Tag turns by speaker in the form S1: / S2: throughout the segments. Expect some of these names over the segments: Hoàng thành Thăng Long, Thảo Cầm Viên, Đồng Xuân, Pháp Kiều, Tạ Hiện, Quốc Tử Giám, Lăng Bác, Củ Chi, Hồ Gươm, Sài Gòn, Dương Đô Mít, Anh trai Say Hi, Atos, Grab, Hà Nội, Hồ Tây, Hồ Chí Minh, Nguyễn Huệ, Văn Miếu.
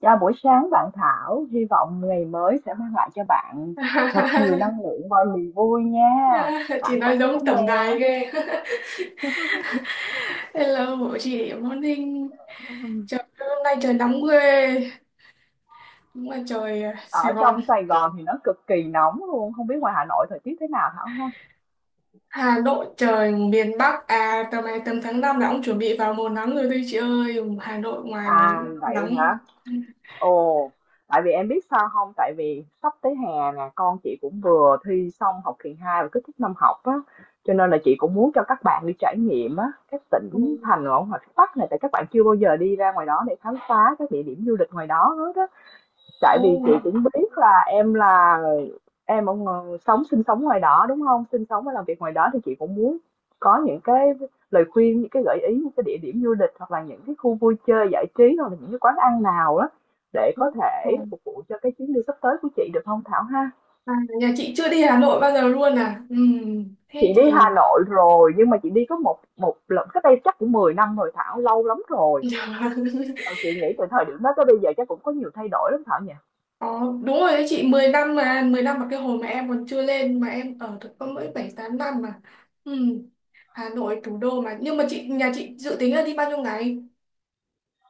S1: Chào buổi sáng bạn Thảo, hy vọng ngày mới sẽ mang lại cho bạn thật nhiều năng lượng và niềm vui nha.
S2: Chị
S1: Bạn
S2: nói
S1: khỏe
S2: giống
S1: không
S2: tổng
S1: nè?
S2: đài ghê. Hello của chị, morning. Trời ơi, hôm nay trời nóng ghê. Đúng là trời Sài
S1: Ở
S2: Gòn.
S1: trong Sài Gòn thì nó cực kỳ nóng luôn, không biết ngoài Hà Nội thời tiết thế nào Thảo ha?
S2: Hà Nội trời miền Bắc à, tầm này tầm tháng 5 là ông chuẩn bị vào mùa nắng rồi đấy chị ơi. Hà Nội ngoài
S1: À vậy
S2: nắng.
S1: hả? Ồ, tại vì em biết sao không? Tại vì sắp tới hè nè, con chị cũng vừa thi xong học kỳ 2 và kết thúc năm học á, cho nên là chị cũng muốn cho các bạn đi trải nghiệm á, các
S2: Ừ.
S1: tỉnh thành ở ngoài phía Bắc này, tại các bạn chưa bao giờ đi ra ngoài đó để khám phá các địa điểm du lịch ngoài đó hết á. Tại vì chị
S2: Ô,
S1: cũng biết là em ở ng sống sinh sống ngoài đó, đúng không? Sinh sống và làm việc ngoài đó thì chị cũng muốn có những cái lời khuyên, những cái gợi ý, những cái địa điểm du lịch hoặc là những cái khu vui chơi giải trí hoặc là những cái quán ăn nào đó để
S2: ừ.
S1: có
S2: Ừ.
S1: thể phục vụ cho cái chuyến đi sắp tới của chị, được không Thảo ha?
S2: À, nhà chị chưa đi Hà Nội bao giờ luôn à? Ừ.
S1: Chị
S2: Thế
S1: đi Hà
S2: thì.
S1: Nội rồi nhưng mà chị đi có một một lần cách đây chắc cũng 10 năm rồi Thảo, lâu lắm rồi. Ờ, chị nghĩ từ thời điểm đó tới bây giờ chắc cũng có nhiều thay đổi lắm Thảo nhỉ?
S2: Ờ, đúng rồi đấy chị, 10 năm mà, cái hồi mà em còn chưa lên mà em ở được có mỗi 7 8 năm mà. Ừ. Hà Nội thủ đô mà, nhưng mà nhà chị dự tính là đi bao nhiêu ngày?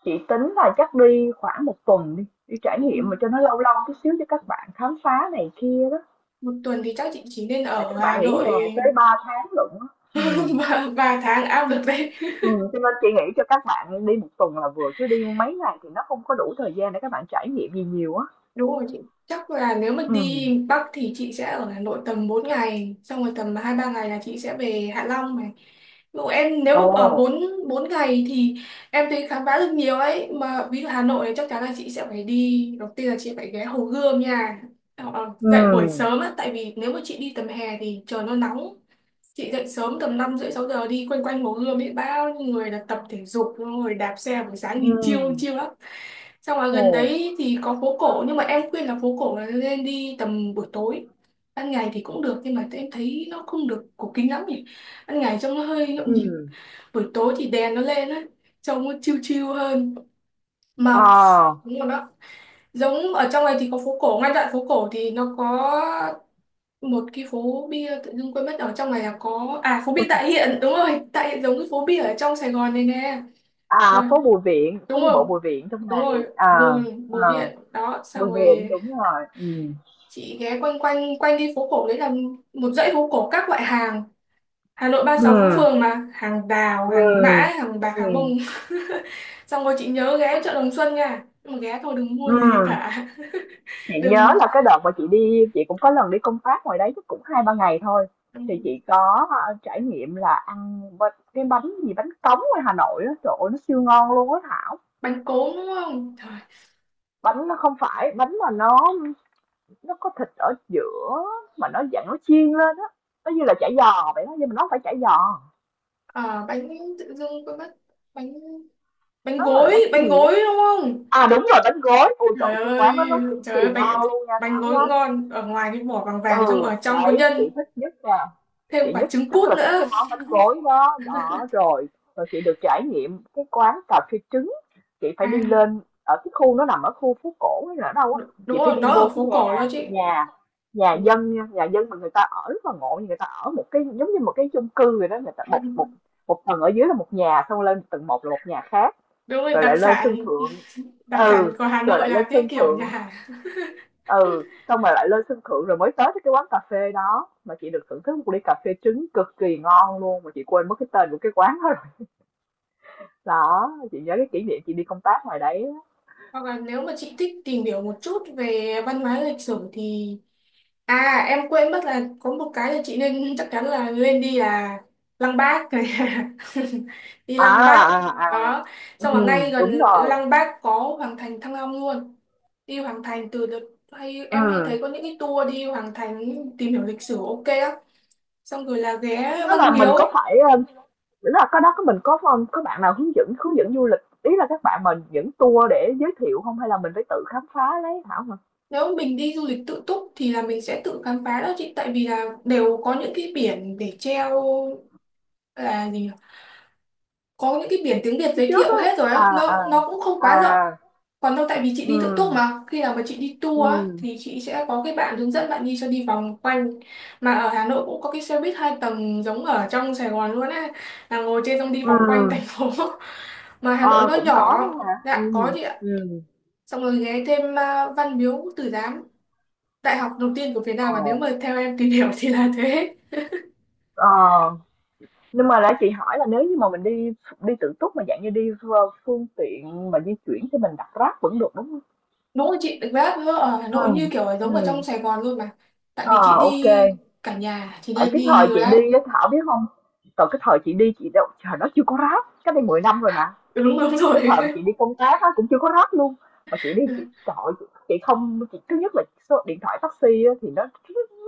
S1: Chị tính là chắc đi khoảng một tuần đi, đi trải
S2: Ừ.
S1: nghiệm mà cho nó lâu lâu chút xíu cho các bạn khám phá này kia đó.
S2: Một tuần thì chắc chị chỉ nên
S1: Tại
S2: ở
S1: các
S2: Hà
S1: bạn nghỉ
S2: Nội.
S1: hè tới 3 tháng lận á. Ừ.
S2: 3 tháng ao được đấy.
S1: Ừ, cho nên chị nghĩ cho các bạn đi một tuần là vừa chứ đi mấy ngày thì nó không có đủ thời gian để các bạn trải nghiệm gì nhiều á.
S2: Đúng rồi chị. Chắc là nếu mà đi
S1: Ừ.
S2: Bắc thì chị sẽ ở Hà Nội tầm 4 ngày, xong rồi tầm 2 3 ngày là chị sẽ về Hạ Long này. Ví dụ em nếu mà ở
S1: Ồ.
S2: 4 4 ngày thì em thấy khám phá được nhiều ấy, mà ví dụ Hà Nội thì chắc chắn là chị sẽ phải đi, đầu tiên là chị phải ghé Hồ Gươm nha. Ờ, dậy buổi
S1: Ừ.
S2: sớm á, tại vì nếu mà chị đi tầm hè thì trời nó nóng. Chị dậy sớm tầm 5 rưỡi 6 giờ đi quanh quanh Hồ Gươm ấy, bao nhiêu người là tập thể dục rồi đạp xe buổi sáng,
S1: Ừ.
S2: nhìn chiêu chiêu lắm. Xong ở
S1: Ồ.
S2: gần đấy thì có phố cổ, nhưng mà em khuyên là phố cổ là nên đi tầm buổi tối. Ban ngày thì cũng được nhưng mà em thấy nó không được cổ kính lắm nhỉ. Ban ngày trông nó hơi nhộn nhịp.
S1: Ừ.
S2: Buổi tối thì đèn nó lên á, trông nó chill chill hơn. Mà
S1: Ờ.
S2: đúng rồi đó. Giống ở trong này thì có phố cổ, ngay đoạn phố cổ thì nó có một cái phố bia, tự dưng quên mất, ở trong này là có, à, phố bia Tạ Hiện, đúng rồi Tạ Hiện, giống cái phố bia ở trong Sài Gòn này nè. Ừ,
S1: À, phố Bùi Viện, phố
S2: đúng
S1: đi bộ
S2: rồi
S1: Bùi Viện trong
S2: đúng
S1: này.
S2: rồi
S1: À,
S2: bùi bùi
S1: à,
S2: viện đó, xong
S1: Bùi Viện
S2: rồi
S1: đúng rồi. Ừ.
S2: chị ghé quanh quanh quanh đi phố cổ đấy là một dãy phố cổ các loại hàng. Hà Nội ba mươi
S1: Ừ.
S2: sáu phố phường mà, hàng đào hàng mã
S1: Ừ.
S2: hàng bạc
S1: Ừ.
S2: hàng bông. Xong rồi chị nhớ ghé chợ Đồng Xuân nha, nhưng mà ghé thôi đừng mua gì
S1: Ừ,
S2: cả.
S1: chị nhớ
S2: Đừng.
S1: là cái đợt mà chị đi chị cũng có lần đi công tác ngoài đấy chắc cũng hai ba ngày thôi.
S2: Ừ,
S1: Thì chị có, a, trải nghiệm là ăn bánh cái bánh gì bánh cống ngoài Hà Nội á, trời ơi, nó siêu ngon luôn á Thảo.
S2: bánh cốm đúng không? Trời.
S1: Bánh nó không phải bánh mà nó có thịt ở giữa mà nó dạng nó chiên lên á, nó như là chả giò vậy đó, nhưng mà nó không phải chả giò,
S2: À, bánh, tự dưng quên mất bánh bánh
S1: nó là
S2: gối,
S1: bánh
S2: bánh
S1: gì
S2: gối
S1: á.
S2: đúng không?
S1: À, đúng rồi, bánh gối, ôi trời
S2: Trời
S1: cái quán đó
S2: ơi,
S1: nó cực
S2: trời
S1: kỳ
S2: ơi, bánh
S1: ngon luôn nha
S2: bánh
S1: Thảo
S2: gối
S1: nhá.
S2: cũng ngon, ở ngoài cái vỏ vàng vàng, trong
S1: Ừ,
S2: ở trong có
S1: đấy,
S2: nhân, thêm
S1: chị
S2: quả trứng
S1: rất
S2: cút
S1: là thích
S2: nữa.
S1: cái món bánh gối đó. Đó rồi, rồi chị được trải nghiệm cái quán cà phê trứng. Chị phải đi
S2: À,
S1: lên ở cái khu nó nằm ở khu phố cổ hay là ở đâu á,
S2: đúng
S1: chị phải
S2: rồi
S1: đi
S2: đó, ở
S1: vô cái
S2: phố
S1: nhà
S2: cổ đó chị.
S1: nhà nhà
S2: Ừ,
S1: dân nha, nhà dân mà người ta ở rất là ngộ. Người ta ở một cái giống như một cái chung cư vậy đó, người ta một một
S2: đúng
S1: một tầng ở dưới là một nhà, xong lên tầng một là một nhà khác,
S2: rồi,
S1: rồi
S2: đặc
S1: lại lên
S2: sản
S1: sân thượng.
S2: đặc sản
S1: Ừ
S2: của Hà
S1: rồi
S2: Nội
S1: lại
S2: là
S1: lên
S2: cái
S1: sân
S2: kiểu nhà
S1: thượng
S2: hàng.
S1: ừ Xong rồi lại lên sân thượng rồi mới tới cái quán cà phê đó, mà chị được thưởng thức một ly cà phê trứng cực kỳ ngon luôn, mà chị quên mất cái tên của cái quán đó rồi. Đó, chị nhớ cái kỷ niệm chị đi công tác ngoài đấy á.
S2: Hoặc là nếu mà chị thích tìm hiểu một chút về văn hóa lịch sử thì, à em quên mất là có một cái là chị nên chắc chắn là lên đi là Lăng Bác này. Đi
S1: À,
S2: Lăng Bác
S1: à, à.
S2: đó.
S1: Ừ.
S2: Xong là ngay gần
S1: Đúng rồi.
S2: Lăng Bác có Hoàng thành Thăng Long luôn. Đi Hoàng thành từ đợt, hay
S1: Ừ.
S2: em hay thấy có những cái tour đi Hoàng thành tìm hiểu lịch sử, ok á. Xong rồi là
S1: Cái
S2: ghé
S1: đó
S2: Văn
S1: là mình có
S2: Miếu.
S1: phải nghĩa là cái đó có mình có không có bạn nào hướng dẫn du lịch, ý là các bạn mình dẫn tour để giới thiệu không, hay là mình phải tự khám phá lấy Thảo hả? Mà
S2: Nếu mình đi du lịch tự túc thì là mình sẽ tự khám phá đó chị, tại vì là đều có những cái biển để treo, là gì nhỉ? Có những cái biển tiếng Việt
S1: phía
S2: giới
S1: trước
S2: thiệu
S1: á.
S2: hết rồi á,
S1: À, à,
S2: nó cũng không
S1: à.
S2: quá rộng. Còn đâu tại vì chị đi tự túc
S1: Ừ.
S2: mà, khi nào mà chị đi tour á,
S1: Ừ.
S2: thì chị sẽ có cái bạn hướng dẫn, bạn đi cho đi vòng quanh. Mà ở Hà Nội cũng có cái xe buýt hai tầng giống ở trong Sài Gòn luôn á, là ngồi trên xong đi vòng quanh thành
S1: Ừ.
S2: phố. Mà Hà Nội
S1: Ờ,
S2: nó
S1: cũng có
S2: nhỏ.
S1: đó hả?
S2: Dạ có chị ạ.
S1: Ừm.
S2: Xong rồi ghé thêm, à, Văn Miếu Quốc Tử Giám, đại học đầu tiên của Việt
S1: Ờ,
S2: Nam, mà nếu mà theo em tìm hiểu thì là thế.
S1: ờ. Nhưng mà nãy chị hỏi là nếu như mà mình đi đi tự túc mà dạng như đi phương phương tiện mà di chuyển thì mình đặt Grab vẫn được, đúng không?
S2: Đúng rồi chị, Grab ở Hà
S1: Ừ.
S2: Nội như kiểu là giống
S1: Ừ.
S2: ở trong Sài Gòn luôn mà, tại
S1: Ờ,
S2: vì chị
S1: ô.
S2: đi cả nhà thì
S1: Tại
S2: nên
S1: cái thời
S2: đi
S1: chị
S2: Grab.
S1: đi á, Thảo biết không? Từ cái thời chị đi chị đâu, trời đó chưa có Grab, cách đây 10 năm rồi mà.
S2: Đúng, đúng
S1: Rồi cái
S2: rồi.
S1: thời mà chị đi công tác á, cũng chưa có Grab luôn, mà chị đi chị chọi, chị không, chị thứ nhất là số điện thoại taxi á, thì nó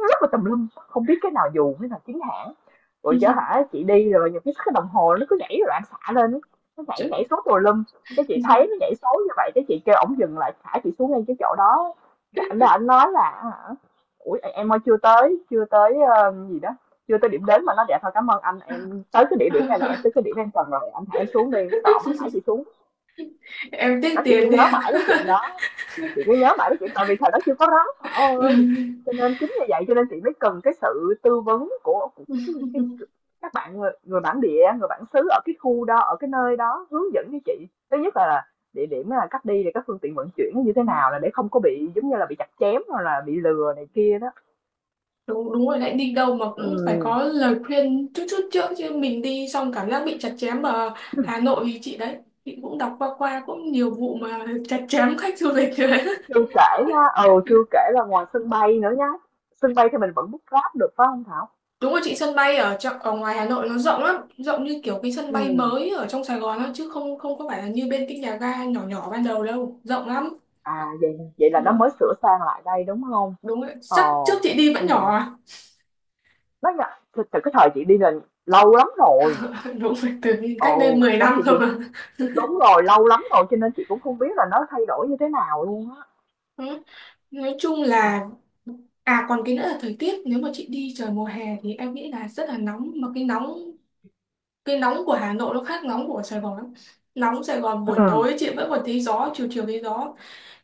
S1: rất là tùm lum, không biết cái nào dù cái nào chính hãng. Rồi chở hả chị đi, rồi nhiều cái đồng hồ nó cứ nhảy loạn xạ lên á, nó nhảy nhảy
S2: Chuyện-
S1: số tùm lum. Cái chị thấy nó nhảy số như vậy cái chị kêu ổng dừng lại thả chị xuống ngay cái chỗ đó. Cái ảnh đó ảnh nói là hả, ủa em ơi chưa tới gì đó, chưa tới điểm đến mà nó dạ thôi cảm ơn anh, em tới cái địa điểm này là em tới cái điểm em cần rồi, anh thả em xuống đi, sợ ổng mới thả chị xuống.
S2: em tiếc
S1: Nó chị cứ
S2: tiền. Đi
S1: nhớ mãi cái chuyện đó, chị cứ nhớ mãi cái chuyện tại vì thời đó chưa có ráp Thảo ơi, cho nên chính như vậy, cho nên chị mới cần cái sự tư vấn của, các bạn người bản địa, người bản xứ ở cái khu đó, ở cái nơi đó hướng dẫn với chị. Thứ nhất là địa điểm, là cách đi, rồi các phương tiện vận chuyển nó như thế nào, là để không có bị giống như là bị chặt chém hoặc là bị lừa này kia đó.
S2: đúng, đúng rồi, lại đi đâu mà cũng phải
S1: Ừm.
S2: có lời khuyên chút chút trước chứ, mình đi xong cảm giác bị chặt chém ở Hà Nội thì chị đấy, chị cũng đọc qua qua cũng nhiều vụ mà chặt chém khách du lịch rồi.
S1: Chưa kể nha, ừ chưa kể là ngoài sân bay nữa nhá. Sân bay thì mình vẫn book Grab được phải không Thảo?
S2: Đúng rồi chị, sân bay ở trong, ở ngoài Hà Nội nó rộng lắm, rộng như kiểu cái sân
S1: Ừ.
S2: bay mới ở trong Sài Gòn á, chứ không không có phải là như bên cái nhà ga nhỏ nhỏ ban đầu đâu, rộng lắm.
S1: À, vậy vậy là nó mới
S2: Đúng,
S1: sửa sang lại đây đúng không?
S2: đúng rồi.
S1: Ờ,
S2: Chắc trước chị đi vẫn nhỏ
S1: ừm,
S2: à?
S1: nó nhận từ từ cái thời chị đi là lâu lắm rồi,
S2: Đúng rồi, từ
S1: ừ,
S2: cách đây 10
S1: nên
S2: năm
S1: chị
S2: cơ mà.
S1: đúng rồi, lâu lắm rồi cho nên chị cũng không biết là nó thay đổi như thế nào luôn á.
S2: Ừ. Nói chung là, à còn cái nữa là thời tiết, nếu mà chị đi trời mùa hè thì em nghĩ là rất là nóng, mà cái nóng, cái nóng của Hà Nội nó khác nóng của Sài Gòn lắm. Nóng Sài Gòn buổi
S1: Ừm,
S2: tối chị vẫn còn thấy gió, chiều chiều thấy gió,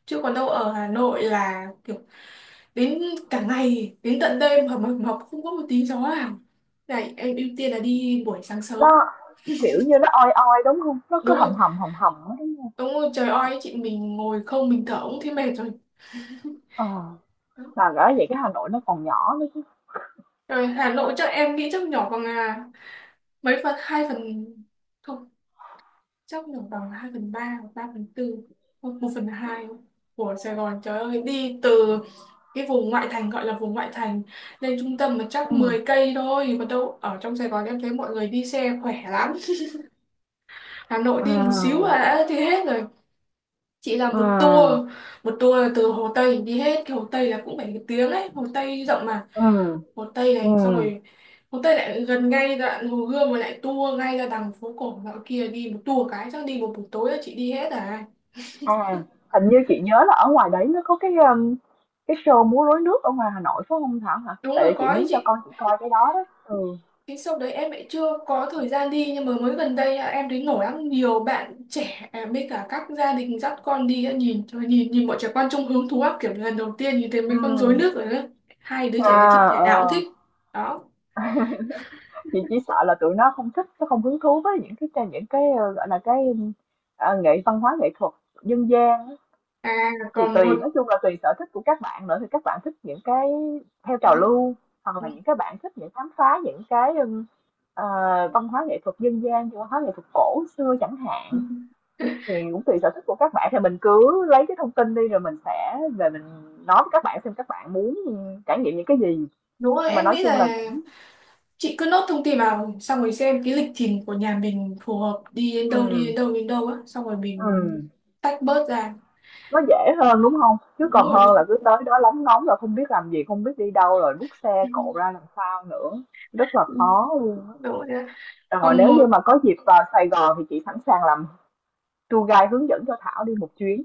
S2: chứ còn đâu ở Hà Nội là kiểu đến cả ngày đến tận đêm mà mờ mập không có một tí gió nào. Này em ưu tiên là đi buổi sáng
S1: nó,
S2: sớm.
S1: kiểu như, nó oi oi, đúng không? Nó cứ
S2: Đúng
S1: hầm
S2: rồi
S1: hầm, hầm hầm á, đúng không?
S2: đúng rồi, trời ơi chị, mình ngồi không mình thở cũng thấy mệt rồi.
S1: Ờ,
S2: Đó.
S1: mà bởi vậy cái Hà Nội nó còn nhỏ nữa chứ.
S2: Rồi Hà Nội chắc em nghĩ chắc nhỏ bằng, à, mấy phần, hai phần, không, chắc nhỏ bằng hai phần ba hoặc ba phần tư, không, một phần hai của Sài Gòn. Trời ơi đi từ cái vùng ngoại thành, gọi là vùng ngoại thành, lên trung tâm mà chắc
S1: Ừm,
S2: 10 cây thôi. Còn đâu ở trong Sài Gòn em thấy mọi người đi xe khỏe lắm, Hà Nội đi một xíu
S1: ừm,
S2: là đã đi hết rồi. Chị làm một tour
S1: ừm,
S2: một tour là từ Hồ Tây, đi hết cái Hồ Tây là cũng phải một tiếng đấy, Hồ Tây rộng mà.
S1: ừm,
S2: Hồ Tây này, xong
S1: ừm.
S2: rồi Hồ Tây lại gần ngay đoạn Hồ Gươm, rồi lại tour ngay ra đằng phố cổ dạo kia, đi một tour cái chắc đi một buổi tối là chị đi hết à.
S1: À, hình như chị nhớ là ở ngoài đấy nó có cái show múa rối nước ở ngoài Hà Nội phải không Thảo hả?
S2: Đúng
S1: Tại
S2: rồi
S1: vì chị
S2: có ý
S1: muốn cho
S2: chị.
S1: con chị coi cái đó đó. Ừ.
S2: Cái show đấy em lại chưa có thời gian đi, nhưng mà mới gần đây à, em thấy nổi lắm, nhiều bạn trẻ, à, với cả các gia đình dắt con đi, à, nhìn trời, nhìn nhìn bọn trẻ con trông hứng thú lắm, kiểu lần đầu tiên nhìn thấy
S1: Ừ.
S2: mấy con rối nước rồi đó. Hai đứa trẻ nhà chị
S1: À,
S2: thể
S1: ờ.
S2: nào cũng thích đó.
S1: Chị chỉ sợ là tụi nó không thích, nó không hứng thú với những cái gọi là cái à, văn hóa nghệ thuật dân gian á.
S2: À
S1: Thì
S2: còn một,
S1: tùy, nói chung là tùy sở thích của các bạn nữa, thì các bạn thích những cái theo trào
S2: đó.
S1: lưu, hoặc là những cái bạn thích những khám phá những cái ờ, văn hóa nghệ thuật dân gian, văn hóa nghệ thuật cổ xưa chẳng hạn. Thì cũng tùy sở thích của các bạn, thì mình cứ lấy cái thông tin đi rồi mình sẽ về mình nói với các bạn xem các bạn muốn trải nghiệm những cái gì.
S2: Đúng rồi
S1: Nhưng mà
S2: em
S1: nói
S2: nghĩ
S1: chung là
S2: là
S1: cũng
S2: chị cứ nốt thông tin vào, xong rồi xem cái lịch trình của nhà mình phù hợp đi
S1: ừm,
S2: đến đâu á, xong rồi mình
S1: ừm,
S2: tách bớt ra.
S1: nó dễ hơn, đúng không? Chứ
S2: Đúng
S1: còn
S2: rồi.
S1: hơn là cứ tới đó lóng ngóng là không biết làm gì, không biết đi đâu, rồi bút xe cộ ra làm sao nữa, rất là khó luôn á.
S2: Đúng rồi
S1: Rồi
S2: còn
S1: nếu như mà
S2: một.
S1: có dịp vào Sài Gòn thì chị sẵn sàng làm tour guide hướng dẫn cho Thảo đi một chuyến,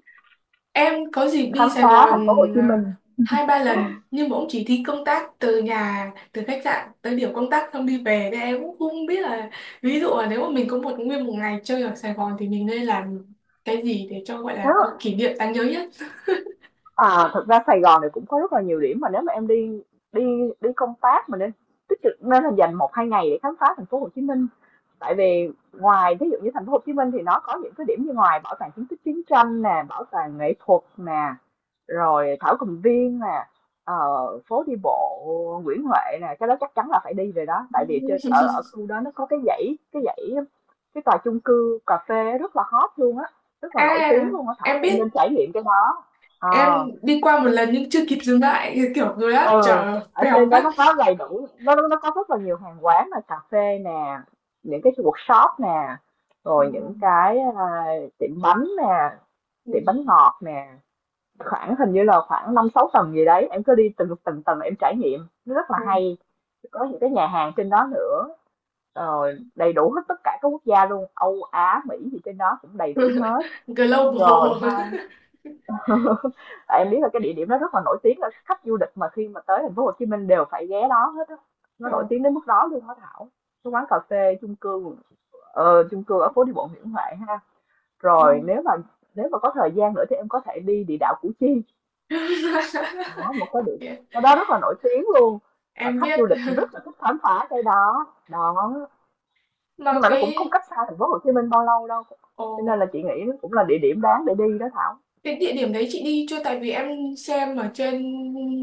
S2: Em có dịp đi
S1: khám
S2: Sài
S1: phá
S2: Gòn,
S1: thành phố Hồ Chí
S2: à,
S1: Minh.
S2: hai ba lần nhưng mà cũng chỉ đi công tác từ nhà, từ khách sạn tới điểm công tác, xong đi về, nên em cũng không biết là ví dụ là nếu mà mình có một nguyên một ngày chơi ở Sài Gòn thì mình nên làm cái gì để cho gọi là có
S1: Đó.
S2: kỷ niệm đáng nhớ nhất.
S1: À, thực ra Sài Gòn này cũng có rất là nhiều điểm mà nếu mà em đi đi đi công tác mà nên tích cực, nên là dành một hai ngày để khám phá thành phố Hồ Chí Minh, tại vì ngoài ví dụ như thành phố Hồ Chí Minh thì nó có những cái điểm như ngoài bảo tàng chứng tích chiến tranh nè, bảo tàng nghệ thuật nè, rồi Thảo Cầm Viên nè, ờ, phố đi bộ Nguyễn Huệ nè. Cái đó chắc chắn là phải đi rồi đó, tại vì trên ở ở khu đó nó có cái dãy cái tòa chung cư cà phê rất là hot luôn á, rất là nổi tiếng
S2: À
S1: luôn á Thảo,
S2: em
S1: em
S2: biết,
S1: nên trải nghiệm cái đó.
S2: em
S1: Ờ.
S2: đi qua một lần nhưng chưa kịp dừng lại, kiểu người á
S1: Ừ.
S2: chở
S1: Ở
S2: vèo
S1: trên đó
S2: phát.
S1: nó có đầy đủ, nó có rất là nhiều hàng quán, là cà phê nè, những cái workshop nè,
S2: Ừ,
S1: rồi những cái à, tiệm bánh nè,
S2: ừ,
S1: tiệm bánh ngọt nè, khoảng hình như là khoảng năm sáu tầng gì đấy, em cứ đi từng từng tầng em trải nghiệm, nó rất là
S2: ừ.
S1: hay. Có những cái nhà hàng trên đó nữa, rồi đầy đủ hết tất cả các quốc gia luôn, Âu Á Mỹ gì trên đó cũng đầy đủ hết rồi.
S2: Global.
S1: Tại em biết là cái địa điểm đó rất là nổi tiếng, là khách du lịch mà khi mà tới thành phố Hồ Chí Minh đều phải ghé đó hết á, nó
S2: Ờ,
S1: nổi tiếng đến mức đó luôn đó Thảo. Cái quán cà phê chung cư, ờ, chung cư ở phố đi bộ Nguyễn Huệ ha.
S2: ừ.
S1: Rồi nếu mà có thời gian nữa thì em có thể đi địa đạo Củ Chi. Đó, một cái địa, cái đó rất là nổi tiếng luôn, và
S2: Em
S1: khách
S2: biết.
S1: du lịch rất là thích khám phá cái đó đó, nhưng
S2: Mà
S1: mà nó cũng không
S2: cái,
S1: cách xa thành phố Hồ Chí Minh bao lâu đâu, cho
S2: ồ,
S1: nên là chị nghĩ nó cũng là địa điểm đáng để đi đó Thảo.
S2: cái địa điểm đấy chị đi chưa, tại vì em xem ở trên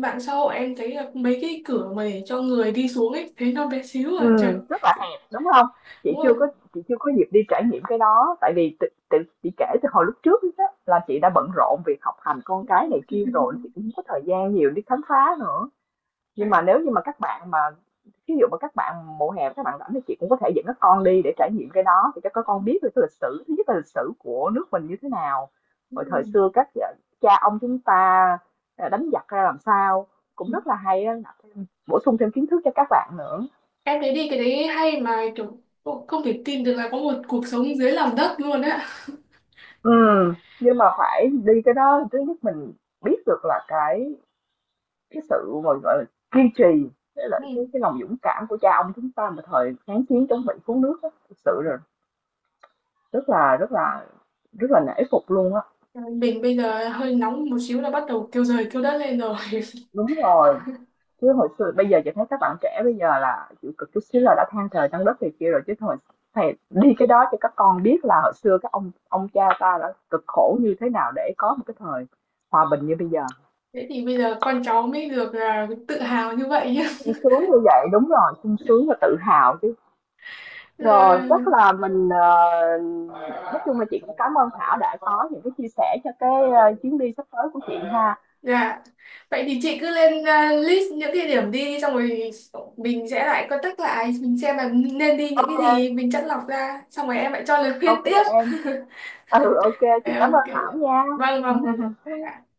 S2: mạng xã hội em thấy là mấy cái cửa mà để cho người đi xuống ấy thấy nó bé xíu à, trời.
S1: Rất là hẹp, đúng không?
S2: Đúng
S1: Chị
S2: rồi.
S1: chưa có chị chưa có dịp đi trải nghiệm cái đó, tại vì tự tự chị kể từ hồi lúc trước á là chị đã bận rộn việc học hành con cái này kia rồi, chị cũng không có thời gian nhiều đi khám phá nữa. Nhưng
S2: Phải,
S1: mà nếu như mà các bạn mà ví dụ mà các bạn mùa hè các bạn rảnh thì chị cũng có thể dẫn các con đi để trải nghiệm cái đó, thì cho các con biết được cái lịch sử, thứ nhất là lịch sử của nước mình như thế nào, rồi
S2: đúng
S1: thời
S2: rồi.
S1: xưa các ờ, cha ông chúng ta, ờ, đánh giặc ra làm sao, cũng rất là hay á, bổ sung thêm kiến thức cho các bạn nữa.
S2: Em thấy đi cái đấy hay, mà kiểu, ồ, không thể tin được là có một cuộc sống dưới lòng đất luôn á.
S1: Ừ, nhưng mà phải đi cái đó thứ nhất mình biết được là cái sự gọi gọi là kiên trì, với lại
S2: Ừ.
S1: cái lòng dũng cảm của cha ông chúng ta mà thời kháng chiến chống Mỹ cứu nước á, thực sự là rất là rất là rất là nể phục luôn á.
S2: Mình bây giờ hơi nóng một xíu là bắt đầu kêu trời kêu đất lên rồi.
S1: Đúng rồi, chứ hồi xưa, bây giờ chị thấy các bạn trẻ bây giờ là chịu cực chút xíu là đã than trời than đất thì kia rồi, chứ thôi, thầy đi cái đó cho các con biết là hồi xưa các ông cha ta đã cực khổ như thế nào để có một cái thời hòa bình như bây giờ.
S2: Thế thì bây giờ con cháu mới được, à, tự hào như vậy
S1: Sung sướng như vậy, đúng rồi, sung sướng và tự hào chứ. Rồi,
S2: nhá.
S1: chắc là mình, ờ, nói chung là chị cũng cảm ơn Thảo đã có những cái chia sẻ cho cái, ờ, chuyến đi sắp tới của chị ha.
S2: Dạ. Vậy thì chị cứ lên list những địa điểm đi, xong rồi mình sẽ lại contact lại mình xem là nên đi những cái
S1: OK,
S2: gì, mình chắt lọc ra, xong rồi em lại cho lời khuyên
S1: OK
S2: tiếp.
S1: em. Ừ, OK, chị cảm
S2: Ok.
S1: ơn Thảo nha.
S2: Vâng vâng vâng. Dạ.